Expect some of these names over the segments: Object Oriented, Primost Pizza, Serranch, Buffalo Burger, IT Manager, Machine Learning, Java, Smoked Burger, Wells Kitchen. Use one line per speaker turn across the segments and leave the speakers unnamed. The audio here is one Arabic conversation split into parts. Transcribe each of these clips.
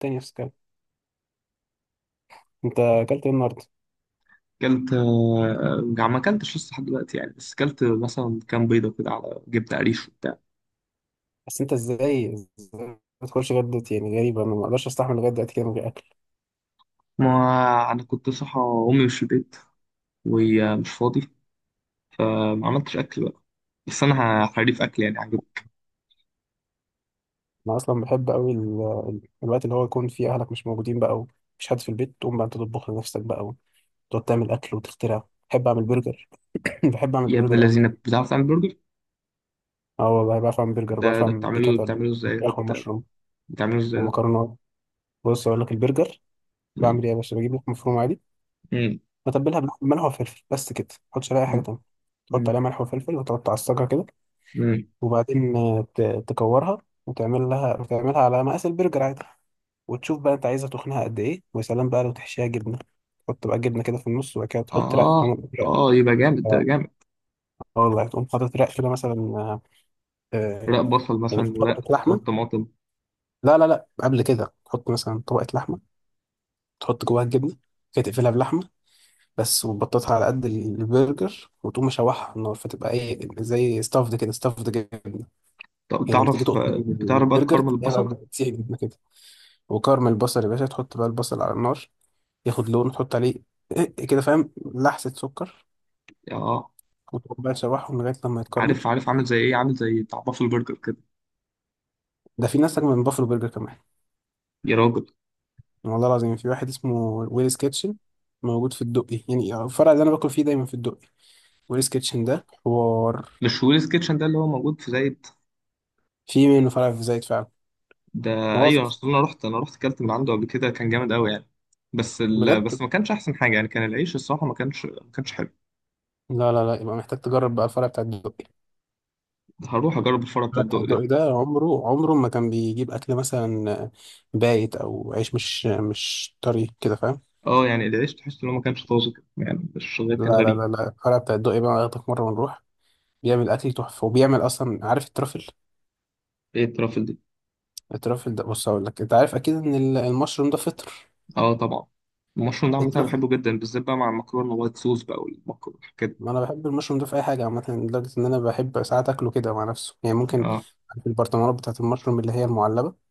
تاني نفس الكلام. انت اكلت ايه النهارده؟
كلت آه، آه، ما كلتش لسه لحد دلوقتي يعني، بس كلت مثلا كام بيضة كده على جبنة قريش وبتاع.
بس انت ازاي ما تدخلش غدت؟ يعني غريبه، انا ما اقدرش استحمل لغايه دلوقتي كده من غير اكل.
ما أنا كنت صحى، أمي مش في البيت وهي مش فاضي، فما عملتش أكل بقى. بس أنا حريف أكل يعني، عجب.
انا اصلا بحب قوي الوقت اللي هو يكون فيه اهلك مش موجودين بقى ومفيش حد في البيت، تقوم بقى انت تطبخ لنفسك بقى وتقعد تعمل اكل وتخترع. بحب اعمل برجر. بحب اعمل
يا ابن
برجر قوي.
الذين، بتعرف تعمل برجر؟
اه والله بعرف اعمل برجر،
ده
بعرف
ده
اعمل
بتعمله
بيكاتا
بتعمله إزاي
بالفراخ والمشروم
بتعمله إزاي؟
والمكرونات. بص اقول لك البرجر
مم،
بعمل ايه يا باشا. بجيب لك مفروم عادي،
مم،
بتبلها بملح وفلفل بس كده، ما احطش عليها اي حاجه
مم،
تانيه. تحط
مم،
عليها ملح وفلفل وتقعد تعصجها كده،
مم.
وبعدين تكورها وتعمل لها وتعملها على مقاس البرجر عادي. وتشوف بقى انت عايزه تخنها قد ايه، ويا سلام بقى لو تحشيها جبنه. تحط بقى جبنه كده في النص وبعد كده تحط رق
آه،
رق.
يبقى جامد، ده
اه،
جامد.
آه والله، تقوم حاطط رق كده مثلا، آه،
رق بصل
يعني
مثلا، ورق
طبقه لحمه.
طماطم.
لا لا لا، قبل كده تحط مثلا طبقه لحمه، تحط جواها الجبنه كده، تقفلها بلحمه بس، وتبططها على قد البرجر وتقوم مشوحها على النار، فتبقى ايه زي ستافد كده، ستافد جبنه.
طب
هي لما تيجي
تعرف،
تقطم من
بتعرف بقى
البرجر،
تكرمل
تلاقيها
البصل؟
بقى بتسيح جبنه كده. وكرم البصل يا باشا، تحط بقى البصل على النار ياخد لون، تحط عليه إيه كده فاهم، لحسة سكر،
آه.
وتقوم بقى تشوحهم لغاية لما يتكرمل.
عارف، عامل زي ايه، عامل زي بتاع بافل برجر كده.
ده في ناس أجمل من بافلو برجر كمان.
يا راجل،
والله العظيم في واحد اسمه ويلز كيتشن، موجود في الدقي. يعني الفرع اللي أنا باكل فيه دايما في الدقي. ويلز كيتشن ده حوار.
مش ويلز كيتشن ده اللي هو موجود في زايد؟
في منه فرع في زايد فعلا.
ده
ما هو في.
ايوه، اصل انا رحت، انا رحت اكلت من عنده قبل كده، كان جامد قوي يعني. بس
بجد؟
ما كانش احسن حاجه يعني، كان العيش الصراحه ما كانش، ما كانش حلو.
لا لا لا، يبقى محتاج تجرب بقى الفرع بتاع الدقي.
هروح اجرب الفرع بتاع
الفرع بتاع
الدق ده.
الدقي ده عمره عمره ما كان بيجيب أكل مثلا بايت أو عيش مش طري كده فاهم.
اه يعني العيش تحس ان هو ما كانش طازج يعني، مش غير
لا
كان
لا
غريب.
لا لا، الفرع بتاع الدقي بقى ياخدك مرة ونروح، بيعمل أكل تحفة، وبيعمل أصلا عارف الترافل.
ايه الترافل دي؟
الترافل ده بص هقول لك. أنت عارف أكيد إن المشروم ده فطر.
اه طبعا. المشروم ده عامة أنا
الترافل،
بحبه جدا، بالذات بقى مع المكرونه وايت صوص بقى، والمكرونه والحاجات دي.
ما أنا بحب المشروم ده في أي حاجة عامة، لدرجة إن أنا بحب ساعات أكله كده مع نفسه يعني، ممكن
اه،
في البرطمانات بتاعة المشروم اللي هي المعلبة،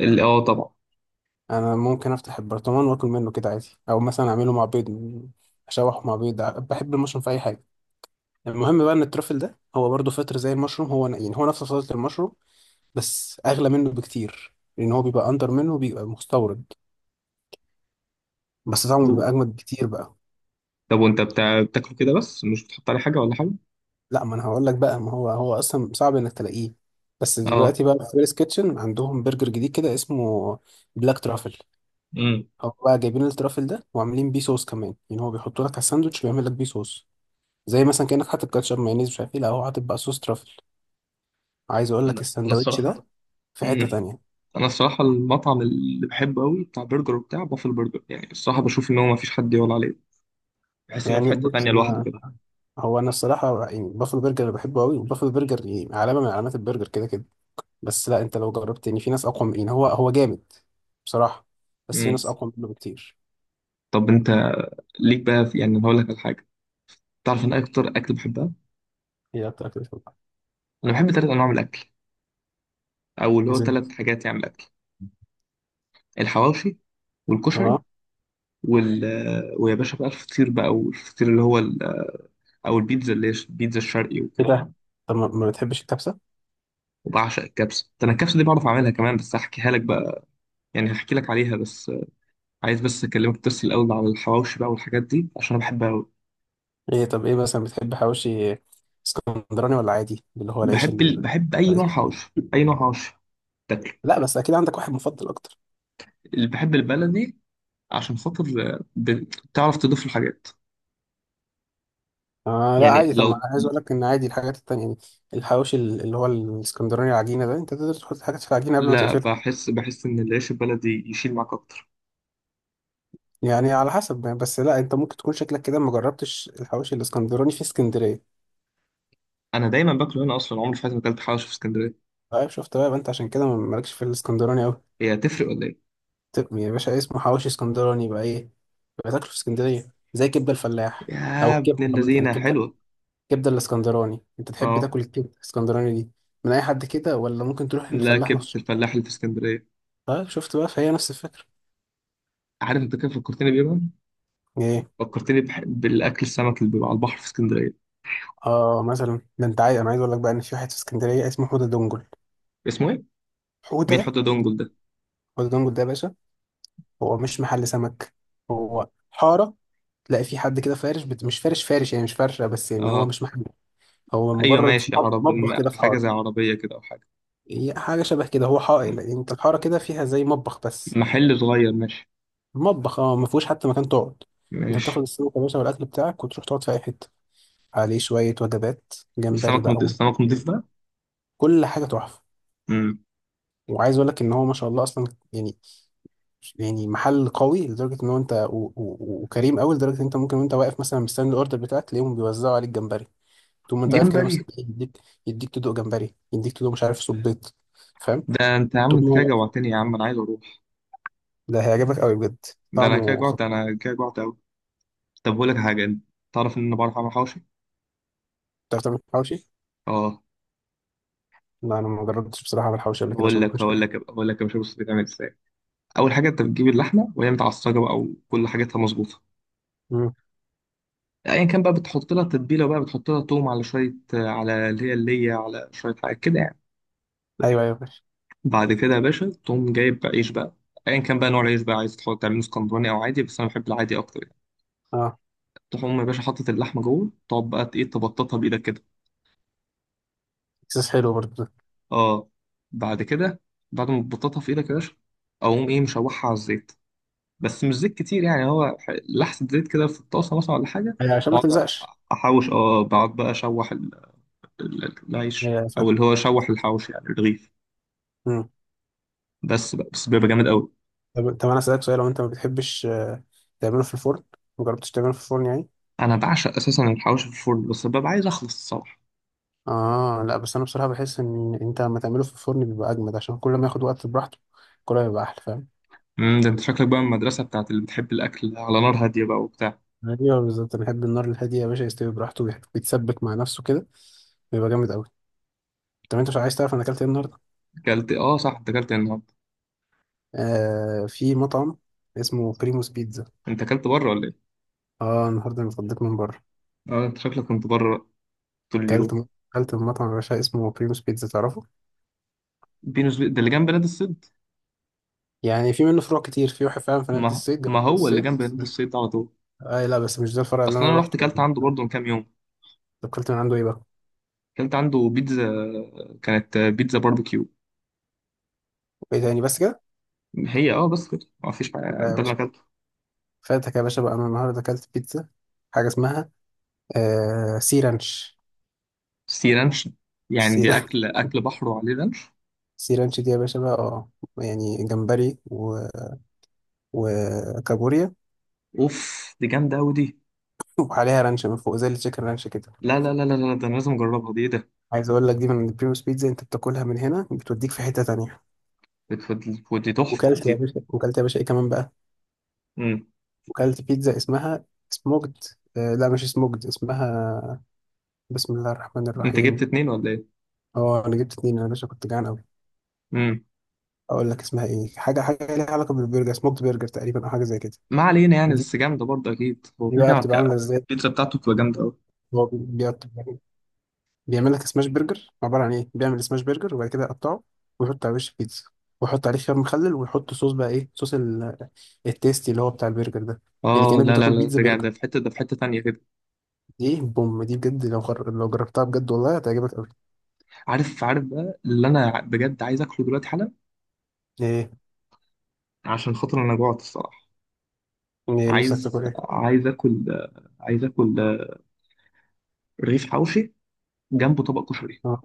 اه طبعا.
أنا ممكن أفتح البرطمان وآكل منه كده عادي، أو مثلا أعمله مع بيض، أشوحه مع بيض بحب المشروم في أي حاجة. المهم بقى إن الترافل ده هو برضه فطر زي المشروم، هو يعني هو نفس فصيلة المشروم، بس اغلى منه بكتير، لان هو بيبقى اندر منه وبيبقى مستورد، بس طعمه بيبقى اجمد بكتير بقى.
طب وانت بتاكله كده بس، مش بتحط عليه حاجه ولا حاجه؟
لا، ما انا هقول لك بقى. ما هو اصلا صعب انك تلاقيه، بس
اه.
دلوقتي بقى في فيلز كيتشن عندهم برجر جديد كده اسمه بلاك ترافل.
امم.
هو بقى جايبين الترافل ده وعاملين بيه صوص كمان، يعني هو بيحطوا لك على الساندوتش ويعمل لك بيه صوص، زي مثلا كانك حاطط كاتشب مايونيز مش عارف ايه، لا هو حاطط بقى صوص ترافل. عايز اقول لك
انا
الساندوتش
الصراحه.
ده في حتة
امم.
تانية.
انا الصراحه المطعم اللي بحبه قوي بتاع برجر وبتاع بافل برجر، يعني الصراحه بشوف ان هو ما فيش حد يقول عليه. بحس ان هو في
يعني
حته
بص
تانية لوحده
انا،
كده.
هو انا الصراحه يعني بافلو برجر اللي بحبه قوي، وبافلو برجر يعني علامه من علامات البرجر كده كده، بس لا انت لو جربت، يعني في ناس اقوى من، يعني هو جامد بصراحه، بس في
امم.
ناس اقوى منه بكتير.
طب انت ليك بقى في يعني، أنا هقول لك على حاجه. تعرف ان اكتر اكل بحبها،
هي اكتر اكله بحبها
انا بحب ثلاث انواع من الاكل، او اللي هو
زي.
ثلاث حاجات يعني من الاكل. الحواوشي والكشري
اه.
وال، ويا باشا بقى الفطير، بقى والفطير اللي هو ال، او البيتزا اللي هي البيتزا الشرقي
ايه
وكده.
ده؟ طب ما بتحبش الكبسه؟
وبعشق الكبسه، ده انا الكبسه دي بعرف اعملها كمان، بس هحكيها لك بقى. يعني هحكي لك عليها بس. عايز بس اكلمك بس الاول على الحواوشي بقى والحاجات دي عشان انا بحبها قوي.
ايه، طب ايه مثلا بتحب حواوشي؟ اسكندراني ولا عادي اللي هو العيش
بحب اي نوع حواوشي، اي نوع حواوشي تاكله.
لا بس اكيد عندك واحد مفضل اكتر.
اللي بحب البلدي، عشان خاطر بتعرف تضيف الحاجات.
آه لا
يعني
عادي. طب ما
لو،
انا عايز اقول لك ان عادي الحاجات التانية يعني. الحواوشي اللي هو الاسكندراني العجينه ده، انت تقدر تحط حاجات في العجينه قبل ما
لا
تقفلها.
بحس، بحس ان العيش البلدي يشيل معاك اكتر.
يعني على حسب يعني، بس لا انت ممكن تكون شكلك كده ما جربتش الحواوشي الاسكندراني في اسكندريه.
انا دايما باكله هنا، اصلا عمري في حياتي ما اكلت حواوشي في اسكندريه.
طيب شفت بقى، يبقى انت عشان كده مالكش في الاسكندراني قوي.
هي هتفرق ولا ايه؟
طب يا باشا، إيه اسمه حواوشي اسكندراني بقى ايه. يبقى تاكله في اسكندريه، زي كبده الفلاح، او
يا ابن
الكبده عامه،
اللذينه
الكبده،
حلوه.
الكبده الاسكندراني. انت تحب
اه.
تاكل الكبده الاسكندراني دي من اي حد كده، ولا ممكن تروح
لا،
للفلاح
كبده
مخصوص؟
الفلاح اللي في اسكندريه.
طيب شفت بقى، فهي نفس الفكره.
عارف انت كيف فكرتني بيه بقى؟
ايه.
فكرتني بالاكل السمك اللي بيبقى على البحر في اسكندريه.
اه، مثلا ده انت عايز، انا عايز اقول لك بقى ان في واحد في اسكندريه اسمه حوده دنجل.
اسمه ايه؟ مين حط
حوده.
دونجل ده؟
حوده دنجل ده يا باشا هو مش محل سمك، هو حارة. تلاقي في حد كده فارش مش فارش فارش، يعني مش فرشة بس، يعني هو
اه
مش محل، هو
ايوه
مجرد
ماشي،
مطبخ كده في
حاجه
حارة.
زي عربيه كده او حاجه.
هي حاجة شبه كده. هو
م-
حائل يعني، انت الحارة كده فيها زي مطبخ بس.
محل صغير، ماشي.
المطبخ اه ما فيهوش حتى مكان تقعد. انت
ماشي.
بتاخد السمك يا باشا والاكل بتاعك وتروح تقعد في اي حتة. عليه شوية وجبات جمبري
السمك
بقى
نضيف،
و-
السمك نضيف بقى.
كل حاجة تحفة.
امم.
وعايز اقول لك ان هو ما شاء الله اصلا يعني، يعني محل قوي لدرجه ان هو انت وكريم قوي لدرجه ان انت ممكن وانت واقف مثلا مستني الاوردر بتاعك تلاقيهم بيوزعوا عليك جمبري. تقوم انت واقف كده
جمبري؟
مثلا، يديك تدوق جمبري، يديك تدوق مش عارف صبيط، فاهم.
ده انت يا عم،
تقوم
انت كده جوعتني يا عم، انا عايز اروح.
ده هيعجبك قوي بجد.
ده انا كده
طعمه
جوعت،
خطير.
انا كده جوعت قوي. طب بقول لك حاجه انت، تعرف ان انا بعرف اعمل حواوشي.
بتعرف تعمل حواوشي؟
اه.
لا انا ما جربتش بصراحه اعمل حواوشي قبل كده
بقول
عشان ما
لك
اكونش
هقول
كده.
لك هقول لك يا باشا، بص بتعمل ازاي. اول حاجه انت بتجيب اللحمه وهي متعصجه بقى وكل حاجتها مظبوطه.
مم.
ايا كان بقى، بتحط لها تتبيله بقى، بتحط لها توم على شويه، على اللي هي على شويه حاجات كده يعني.
ايوه ايوه ماشي.
بعد كده يا باشا تقوم جايب بقى عيش بقى. ايا كان بقى نوع العيش بقى، عايز تحط تعمله اسكندراني او عادي، بس انا بحب العادي اكتر يعني.
اه.
تقوم يا باشا حاطط اللحمه جوه، تقعد بقى ايه، تبططها بايدك كده.
احساس حلو برضه ده.
اه. بعد كده، بعد ما تبططها في ايدك يا باشا، اقوم ايه مشوحها على الزيت. بس مش زيت كتير يعني، هو لحسه زيت كده في الطاسه مثلا ولا حاجه.
أيوة، عشان ما
بقعد
تلزقش.
احوش، اه بقعد بقى اشوح ال، العيش
ايوه فاهم.
او اللي هو اشوح الحوش يعني الرغيف.
مم.
بس بقى، بس بيبقى جامد قوي.
طب انا اسالك سؤال، لو انت ما بتحبش تعمله في الفرن، ما جربتش تعمله في الفرن يعني؟
انا بعشق اساسا الحوش في الفرن، بس ببقى عايز اخلص الصراحه.
اه لا، بس انا بصراحه بحس ان انت لما تعمله في الفرن بيبقى اجمد، عشان كل ما ياخد وقت براحته كل ما يبقى احلى، فاهم.
امم. ده انت شكلك بقى من المدرسه بتاعت اللي بتحب الاكل على نار هاديه بقى وبتاع.
ايوه بالظبط، انا بحب النار الهاديه يا باشا، يستوي براحته ويتسبك مع نفسه كده، بيبقى جامد قوي. طب انت مش عايز تعرف انا اكلت ايه النهارده؟
اكلت، اه صح، انت اكلت إيه النهارده؟
آه في مطعم اسمه بريموس بيتزا.
انت اكلت بره ولا ايه؟
اه النهارده انا اتغديت من بره.
اه انت شكلك كنت بره بقى طول اليوم.
اكلت م- اكلت من مطعم يا باشا اسمه بريموس بيتزا، تعرفه؟
ده اللي جنب نادي الصيد؟
يعني في منه فروع كتير، في واحد فعلا في نادي
ما
الصيد، جنب
ما
نادي
هو اللي
الصيد.
جنب نادي الصيد ده على طول.
آه لا بس مش ده الفرع اللي
اصلا
انا
انا رحت
روحته.
اكلت عنده
طب
برضه من كام يوم.
اكلت من عنده ايه بقى؟
اكلت عنده بيتزا، كانت بيتزا باربيكيو.
ايه تاني بس كده؟
هي اه بس كده، ما فيش بقى،
لا يا
ده اللي
باشا،
اكلته.
فاتك يا باشا بقى. انا النهارده اكلت بيتزا حاجه اسمها آه سيرانش.
سي رانش، يعني دي
سيرانش.
اكل، اكل بحر وعليه رانش؟
سيرانش دي يا باشا بقى اه، يعني جمبري و... وكابوريا،
اوف، دي جامده قوي دي.
وعليها رانش من فوق زي التشيكن رانش كده.
لا لا لا لا لا، ده انا لازم اجربها دي، ايه ده.
عايز اقول لك دي من بريموس بيتزا، انت بتاكلها من هنا بتوديك في حته تانية.
بت- دي تحفه
وكلت يا
دي.
باشا، وكلت يا باشا ايه كمان بقى،
مم.
وكلت بيتزا اسمها سموكد، آه لا مش سموكد اسمها. بسم الله الرحمن
انت جبت
الرحيم.
اتنين ولا ايه؟
اه انا جبت اتنين، انا يا باشا كنت جعان قوي.
امم.
اقول لك اسمها ايه، حاجه حاجه ليها علاقه بالبرجر، سموكد برجر تقريبا او حاجه زي كده.
ما علينا يعني،
دي
بس جامده برضه اكيد، هو
دي
كده
بقى
كده
بتبقى عامله
ك.
ازاي؟
البيتزا بتاعته بتبقى جامده قوي.
هو بيعمل لك سماش برجر، عباره عن ايه، بيعمل سماش برجر وبعد كده يقطعه ويحط على وش بيتزا، ويحط عليه خيار مخلل ويحط صوص بقى ايه صوص التيستي اللي هو بتاع البرجر ده. يعني
اه
كانك
لا لا
بتاكل
لا،
بيتزا
ده
برجر.
ده في حته، ده في حته تانيه كده.
دي بوم، دي بجد لو لو جربتها بجد والله هتعجبك قوي.
عارف بقى، اللي انا بجد عايز اكله دلوقتي حالا،
ايه؟
عشان خاطر انا جوعت الصراحه.
ايه نفسك
عايز،
تاكل ايه؟
عايز اكل رغيف حوشي جنبه طبق كشري.
اه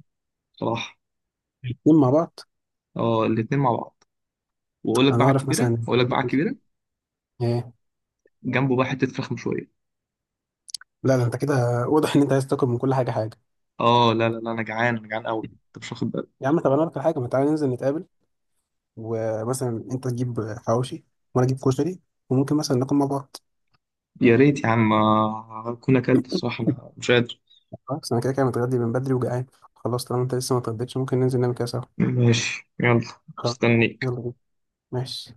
صراحه.
الاتنين مع بعض.
اه الاتنين مع بعض. واقول لك بقى
انا
على
اعرف
الكبيره،
مثلا.
واقول لك بقى على الكبيره.
ايه.
جنبه بقى حته فراخ مشويه.
لا ده انت كده واضح ان انت عايز تاكل من كل حاجه حاجه.
اه لا لا لا، انا جعان، انا جعان قوي، انت مش واخد بالك.
يا عم طب انا اقول لك على حاجه، ما تعالى ننزل نتقابل، ومثلا انت تجيب حواوشي وانا اجيب كشري، وممكن مثلا ناكل مع بعض.
يا ريت يا عم، اكون اكلت الصراحه، انا مش قادر.
خلاص انا كده كده متغدي من بدري وجعان. خلاص، طالما انت لسه ما اتغديتش ممكن ننزل نعمل كده سوا.
ماشي، يلا.
خلاص.
مستنيك.
يلا بينا. ماشي.